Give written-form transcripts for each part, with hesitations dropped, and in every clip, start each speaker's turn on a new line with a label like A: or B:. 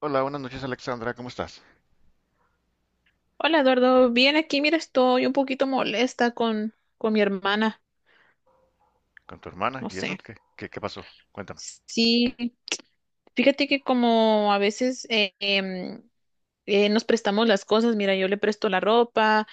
A: Hola, buenas noches Alexandra, ¿cómo estás?
B: Hola Eduardo, bien aquí, mira, estoy un poquito molesta con mi hermana,
A: ¿Con tu hermana?
B: no
A: ¿Y eso?
B: sé.
A: ¿Qué pasó? Cuéntame.
B: Sí, fíjate que como a veces nos prestamos las cosas, mira, yo le presto la ropa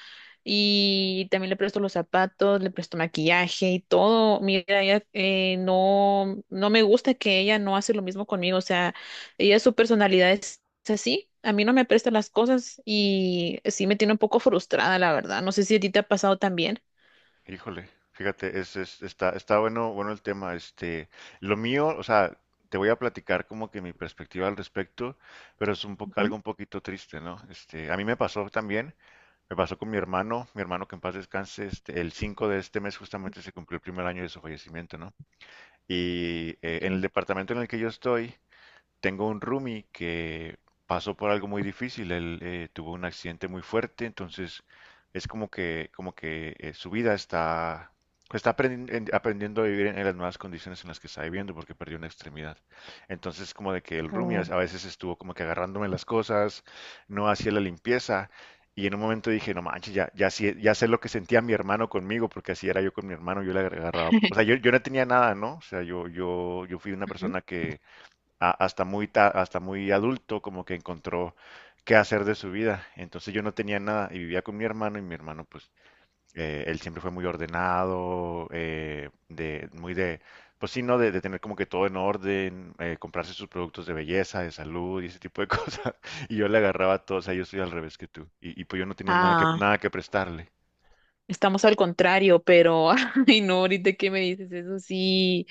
B: y también le presto los zapatos, le presto maquillaje y todo. Mira, ella no, no me gusta que ella no hace lo mismo conmigo, o sea, ella su personalidad es así. A mí no me presta las cosas y sí me tiene un poco frustrada, la verdad. No sé si a ti te ha pasado también.
A: Híjole, fíjate, está bueno el tema. Este, lo mío, o sea, te voy a platicar como que mi perspectiva al respecto, pero es un poco, algo un poquito triste, ¿no? Este, a mí me pasó también, me pasó con mi hermano que en paz descanse, este, el 5 de este mes justamente se cumplió el primer año de su fallecimiento, ¿no? Y en el departamento en el que yo estoy. Tengo un roomie que pasó por algo muy difícil. Él tuvo un accidente muy fuerte. Entonces es como que su vida está aprendiendo a vivir en las nuevas condiciones en las que está viviendo porque perdió una extremidad. Entonces, como de que el roomie a
B: Oh.
A: a veces estuvo como que agarrándome las cosas, no hacía la limpieza. Y en un momento dije, no manches, ya, ya, ya sé lo que sentía mi hermano conmigo, porque así era yo con mi hermano, yo le agarraba. O sea, yo no tenía nada, ¿no? O sea, yo fui una
B: Ujú.
A: persona que, hasta muy adulto, como que encontró qué hacer de su vida. Entonces yo no tenía nada y vivía con mi hermano, y mi hermano, pues, él siempre fue muy ordenado, pues sí, ¿no? De tener como que todo en orden, comprarse sus productos de belleza, de salud y ese tipo de cosas. Y yo le agarraba todo, o sea, yo soy al revés que tú. Y pues yo no tenía nada que,
B: Ah,
A: nada que prestarle.
B: estamos al contrario, pero ay no, ahorita que me dices eso sí.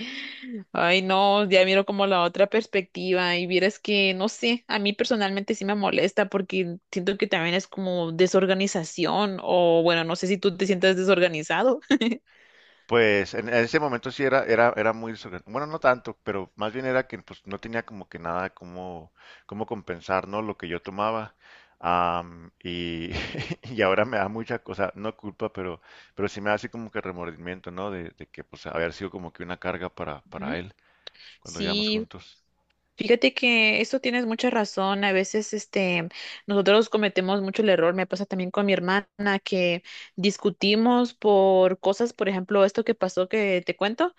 B: Ay no, ya miro como la otra perspectiva y vieras que no sé, a mí personalmente sí me molesta porque siento que también es como desorganización o bueno, no sé si tú te sientes desorganizado.
A: Pues en ese momento sí era bueno, no tanto, pero más bien era que pues no tenía como que nada como compensar, ¿no? Lo que yo tomaba. Y, y ahora me da mucha cosa, no culpa, pero, sí me da así como que remordimiento, ¿no? De que pues haber sido como que una carga para,
B: Ujú.
A: para él cuando vivíamos
B: Sí,
A: juntos.
B: fíjate que esto tienes mucha razón. A veces, nosotros cometemos mucho el error. Me pasa también con mi hermana que discutimos por cosas, por ejemplo, esto que pasó que te cuento,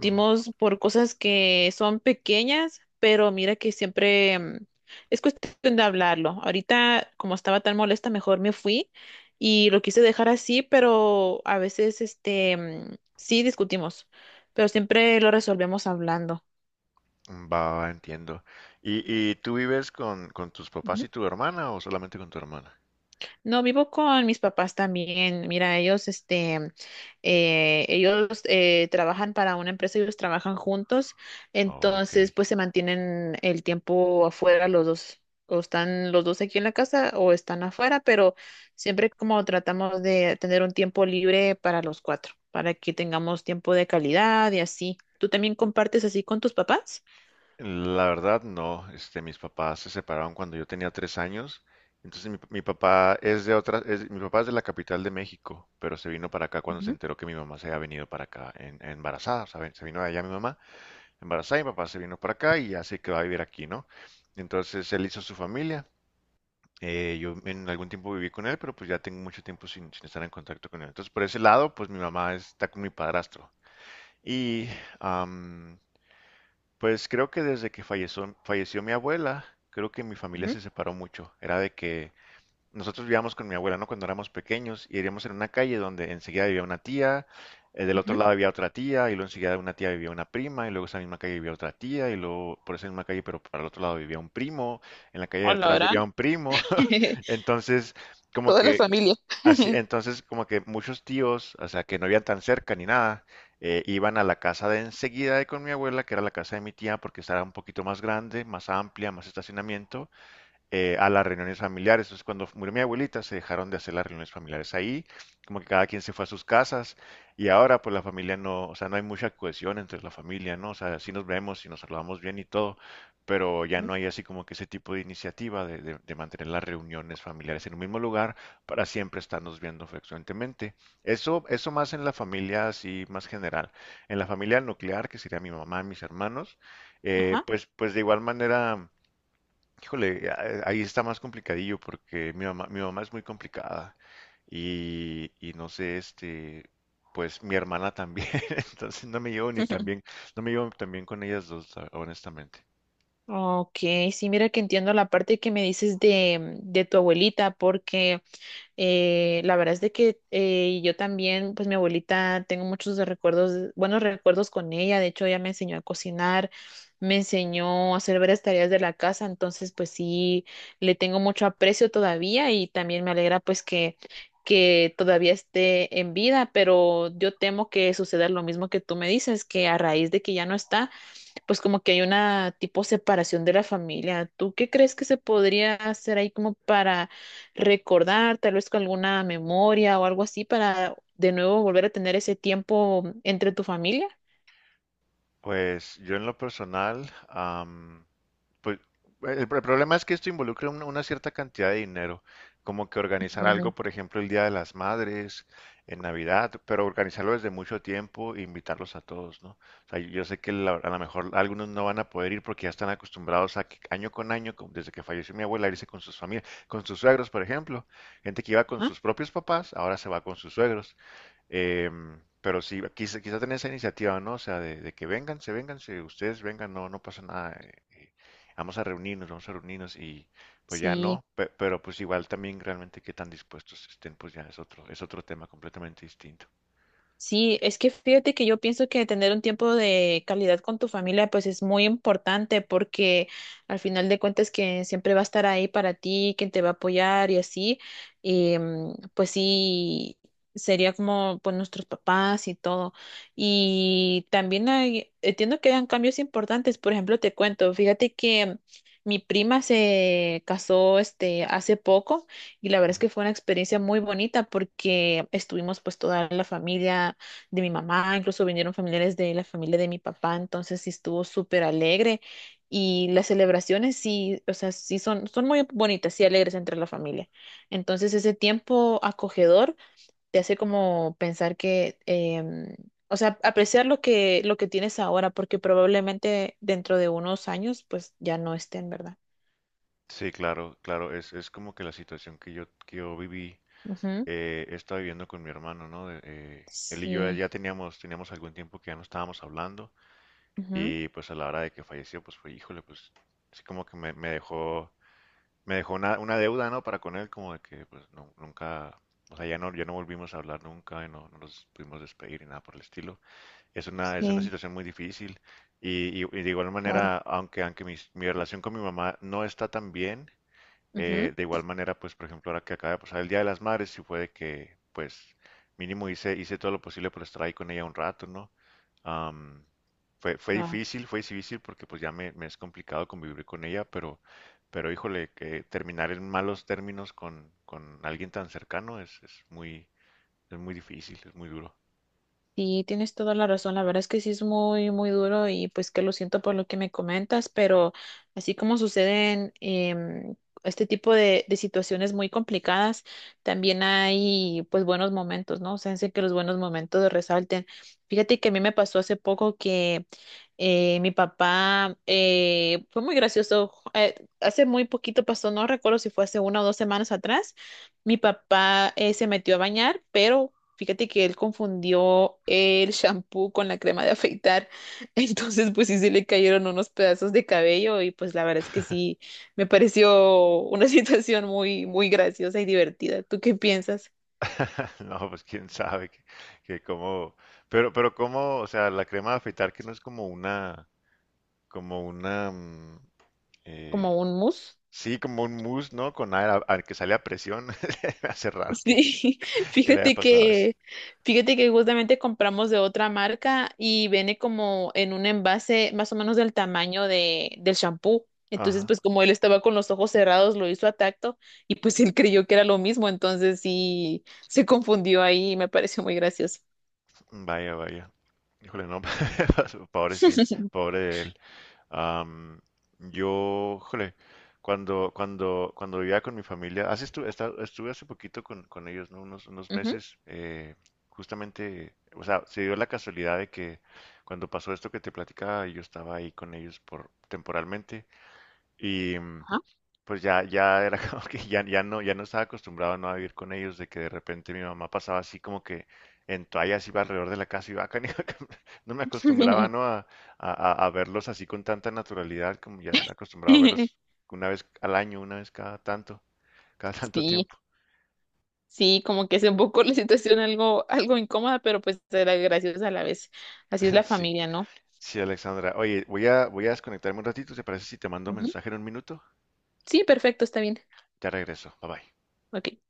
A: Ujú.
B: por cosas que son pequeñas, pero mira que siempre es cuestión de hablarlo. Ahorita, como estaba tan molesta, mejor me fui y lo quise dejar así, pero a veces, sí discutimos, pero siempre lo resolvemos hablando.
A: Va, va, entiendo. ¿Y tú vives con tus papás
B: Ujú.
A: y tu hermana o solamente con tu hermana?
B: No, vivo con mis papás también. Mira, ellos, ellos trabajan para una empresa, ellos trabajan juntos,
A: Oh, ok.
B: entonces pues se mantienen el tiempo afuera los dos, o están los dos aquí en la casa o están afuera, pero siempre como tratamos de tener un tiempo libre para los cuatro, para que tengamos tiempo de calidad y así. ¿Tú también compartes así con tus papás?
A: La verdad, no. Este, mis papás se separaron cuando yo tenía 3 años. Entonces mi papá es de otra, es- mi papá es de la capital de México, pero se vino para acá cuando se
B: Ujú,
A: enteró que mi mamá se había venido para acá embarazada. O sea, se vino de allá mi mamá embarazada y mi papá se vino para acá y ya se quedó a vivir aquí, ¿no? Entonces él hizo su familia. Yo en algún tiempo viví con él, pero pues ya tengo mucho tiempo sin estar en contacto con él. Entonces por ese lado, pues mi mamá está con mi padrastro. Y pues creo que desde que falleció mi abuela, creo que mi familia
B: ujú,
A: se separó mucho. Era de que nosotros vivíamos con mi abuela, ¿no? Cuando éramos pequeños y vivíamos en una calle donde enseguida vivía una tía, del otro
B: ujú.
A: lado había otra tía, y luego enseguida de una tía vivía una prima, y luego esa misma calle vivía otra tía, y luego por esa misma calle, pero para el otro lado vivía un primo, en la calle de
B: Hola,
A: atrás
B: ¿verdad?
A: vivía un primo. Entonces, como
B: Toda la
A: que
B: familia.
A: Así, entonces, como que muchos tíos, o sea, que no vivían tan cerca ni nada, iban a la casa de enseguida de con mi abuela, que era la casa de mi tía, porque estaba un poquito más grande, más amplia, más estacionamiento, a las reuniones familiares. Entonces, cuando murió mi abuelita, se dejaron de hacer las reuniones familiares ahí, como que cada quien se fue a sus casas y ahora pues la familia no, o sea, no hay mucha cohesión entre la familia, ¿no? O sea, sí nos vemos y nos saludamos bien y todo, pero ya
B: Ujú.
A: no hay así como que ese tipo de iniciativa de, de mantener las reuniones familiares en un mismo lugar para siempre estarnos viendo frecuentemente. Eso más en la familia así más general. En la familia nuclear, que sería mi mamá y mis hermanos,
B: Ajá.
A: pues, de igual manera. Híjole, ahí está más complicadillo porque mi mamá es muy complicada y no sé, este, pues mi hermana también, entonces no me llevo ni tan bien, no me llevo tan bien con ellas dos, honestamente.
B: Ok, sí, mira que entiendo la parte que me dices de tu abuelita, porque la verdad es de que yo también, pues mi abuelita, tengo muchos de recuerdos, buenos recuerdos con ella, de hecho ella me enseñó a cocinar, me enseñó a hacer varias tareas de la casa, entonces pues sí, le tengo mucho aprecio todavía y también me alegra pues que todavía esté en vida, pero yo temo que suceda lo mismo que tú me dices, que a raíz de que ya no está pues como que hay una tipo separación de la familia. ¿Tú qué crees que se podría hacer ahí como para recordar, tal vez con alguna memoria o algo así, para de nuevo volver a tener ese tiempo entre tu familia?
A: Pues yo en lo personal, pues el problema es que esto involucra una cierta cantidad de dinero, como que organizar
B: Ujú.
A: algo, por ejemplo, el Día de las Madres, en Navidad, pero organizarlo desde mucho tiempo e invitarlos a todos, ¿no? O sea, yo sé que a lo mejor algunos no van a poder ir porque ya están acostumbrados a que año con año, como desde que falleció mi abuela, irse con sus familias, con sus suegros, por ejemplo. Gente que iba con
B: Ajá.
A: sus propios papás, ahora se va con sus suegros. Em, pero sí, quizá, quizá tener esa iniciativa, ¿no? O sea, de que vengan, se vengan, si ustedes vengan, no, no pasa nada. Vamos a reunirnos, y pues ya
B: Sí,
A: no, pero pues igual también realmente qué tan dispuestos estén, pues ya es otro, tema completamente distinto.
B: sí, es que fíjate que yo pienso que tener un tiempo de calidad con tu familia pues es muy importante porque al final de cuentas que siempre va a estar ahí para ti, quien te va a apoyar y así, pues sí, sería como pues nuestros papás y todo. Y también hay, entiendo que hayan cambios importantes, por ejemplo, te cuento, fíjate que mi prima se casó este hace poco. Y la verdad es
A: Ujú.
B: que fue una experiencia muy bonita porque estuvimos pues toda la familia de mi mamá, incluso vinieron familiares de la familia de mi papá, entonces sí estuvo súper alegre y las celebraciones sí, o sea, sí son, son muy bonitas y alegres entre la familia. Entonces ese tiempo acogedor te hace como pensar que, o sea, apreciar lo que tienes ahora porque probablemente dentro de unos años pues ya no estén, ¿verdad?
A: Sí, claro, claro, es como que la situación que yo viví.
B: Ujú.
A: He estado viviendo con mi hermano, ¿no? Él y yo
B: Sí.
A: ya teníamos algún tiempo que ya no estábamos hablando
B: Ujú.
A: y pues a la hora de que falleció, pues fue, híjole, pues sí como que me dejó una deuda, ¿no? Para con él, como de que pues nunca, o sea, ya no volvimos a hablar nunca y no nos pudimos despedir ni nada por el estilo. Es una
B: Sí,
A: situación muy difícil y de igual
B: claro.
A: manera, aunque mi relación con mi mamá no está tan bien. eh,
B: Ujú.
A: de igual manera, pues por ejemplo, ahora que acaba de pasar el Día de las Madres, sí fue de que, pues mínimo hice todo lo posible por estar ahí con ella un rato, ¿no? Am, fue
B: Wow.
A: difícil, fue difícil porque pues ya me es complicado convivir con ella, pero, híjole, que terminar en malos términos con alguien tan cercano es muy, es muy difícil, es muy duro.
B: Sí, tienes toda la razón. La verdad es que sí es muy, muy duro y pues que lo siento por lo que me comentas, pero así como suceden este tipo de situaciones muy complicadas, también hay pues buenos momentos, ¿no? O sea, sé que los buenos momentos resalten. Fíjate que a mí me pasó hace poco que mi papá fue muy gracioso. Hace muy poquito pasó, no recuerdo si fue hace una o dos semanas atrás. Mi papá se metió a bañar, pero fíjate que él confundió el shampoo con la crema de afeitar, entonces pues sí se le cayeron unos pedazos de cabello y pues la verdad es que sí, me pareció una situación muy, muy graciosa y divertida. ¿Tú qué piensas?
A: No, pues quién sabe que cómo, pero, cómo, o sea, la crema de afeitar que no es como una, como una, mm,
B: ¿Como
A: eh,
B: un mus?
A: sí, como un mousse, ¿no? Con aire que sale a presión, me hace raro que,
B: Sí,
A: que le haya
B: fíjate
A: pasado eso.
B: que, fíjate que justamente compramos de otra marca y viene como en un envase más o menos del tamaño de, del champú. Entonces,
A: Ajá,
B: pues como él estaba con los ojos cerrados, lo hizo a tacto y pues él creyó que era lo mismo. Entonces sí, se confundió ahí y me pareció muy gracioso.
A: vaya, vaya. Híjole, no, pobre Sid, pobre él. Am, yo, híjole, cuando vivía con mi familia, así estuve hace poquito con ellos, ¿no? Unos
B: Ujú,
A: meses, justamente, o sea, se dio la casualidad de que cuando pasó esto que te platicaba, yo estaba ahí con ellos por temporalmente y
B: ajá.
A: pues ya era como que ya no estaba acostumbrado no a vivir con ellos, de que de repente mi mamá pasaba así como que en toallas iba alrededor de la casa y va no me acostumbraba no a- a verlos así con tanta naturalidad como ya estaba acostumbrado a verlos una vez al año, una vez cada tanto
B: Sí,
A: tiempo.
B: sí, como que es un poco la situación algo, algo incómoda, pero pues era graciosa a la vez. Así es la
A: Sí,
B: familia, ¿no?
A: sí, Alexandra. Oye, voy a desconectarme un ratito, ¿te parece si te mando un
B: Ujú.
A: mensaje en un minuto?
B: Sí, perfecto, está bien.
A: Ya regreso, bye bye.
B: Ok.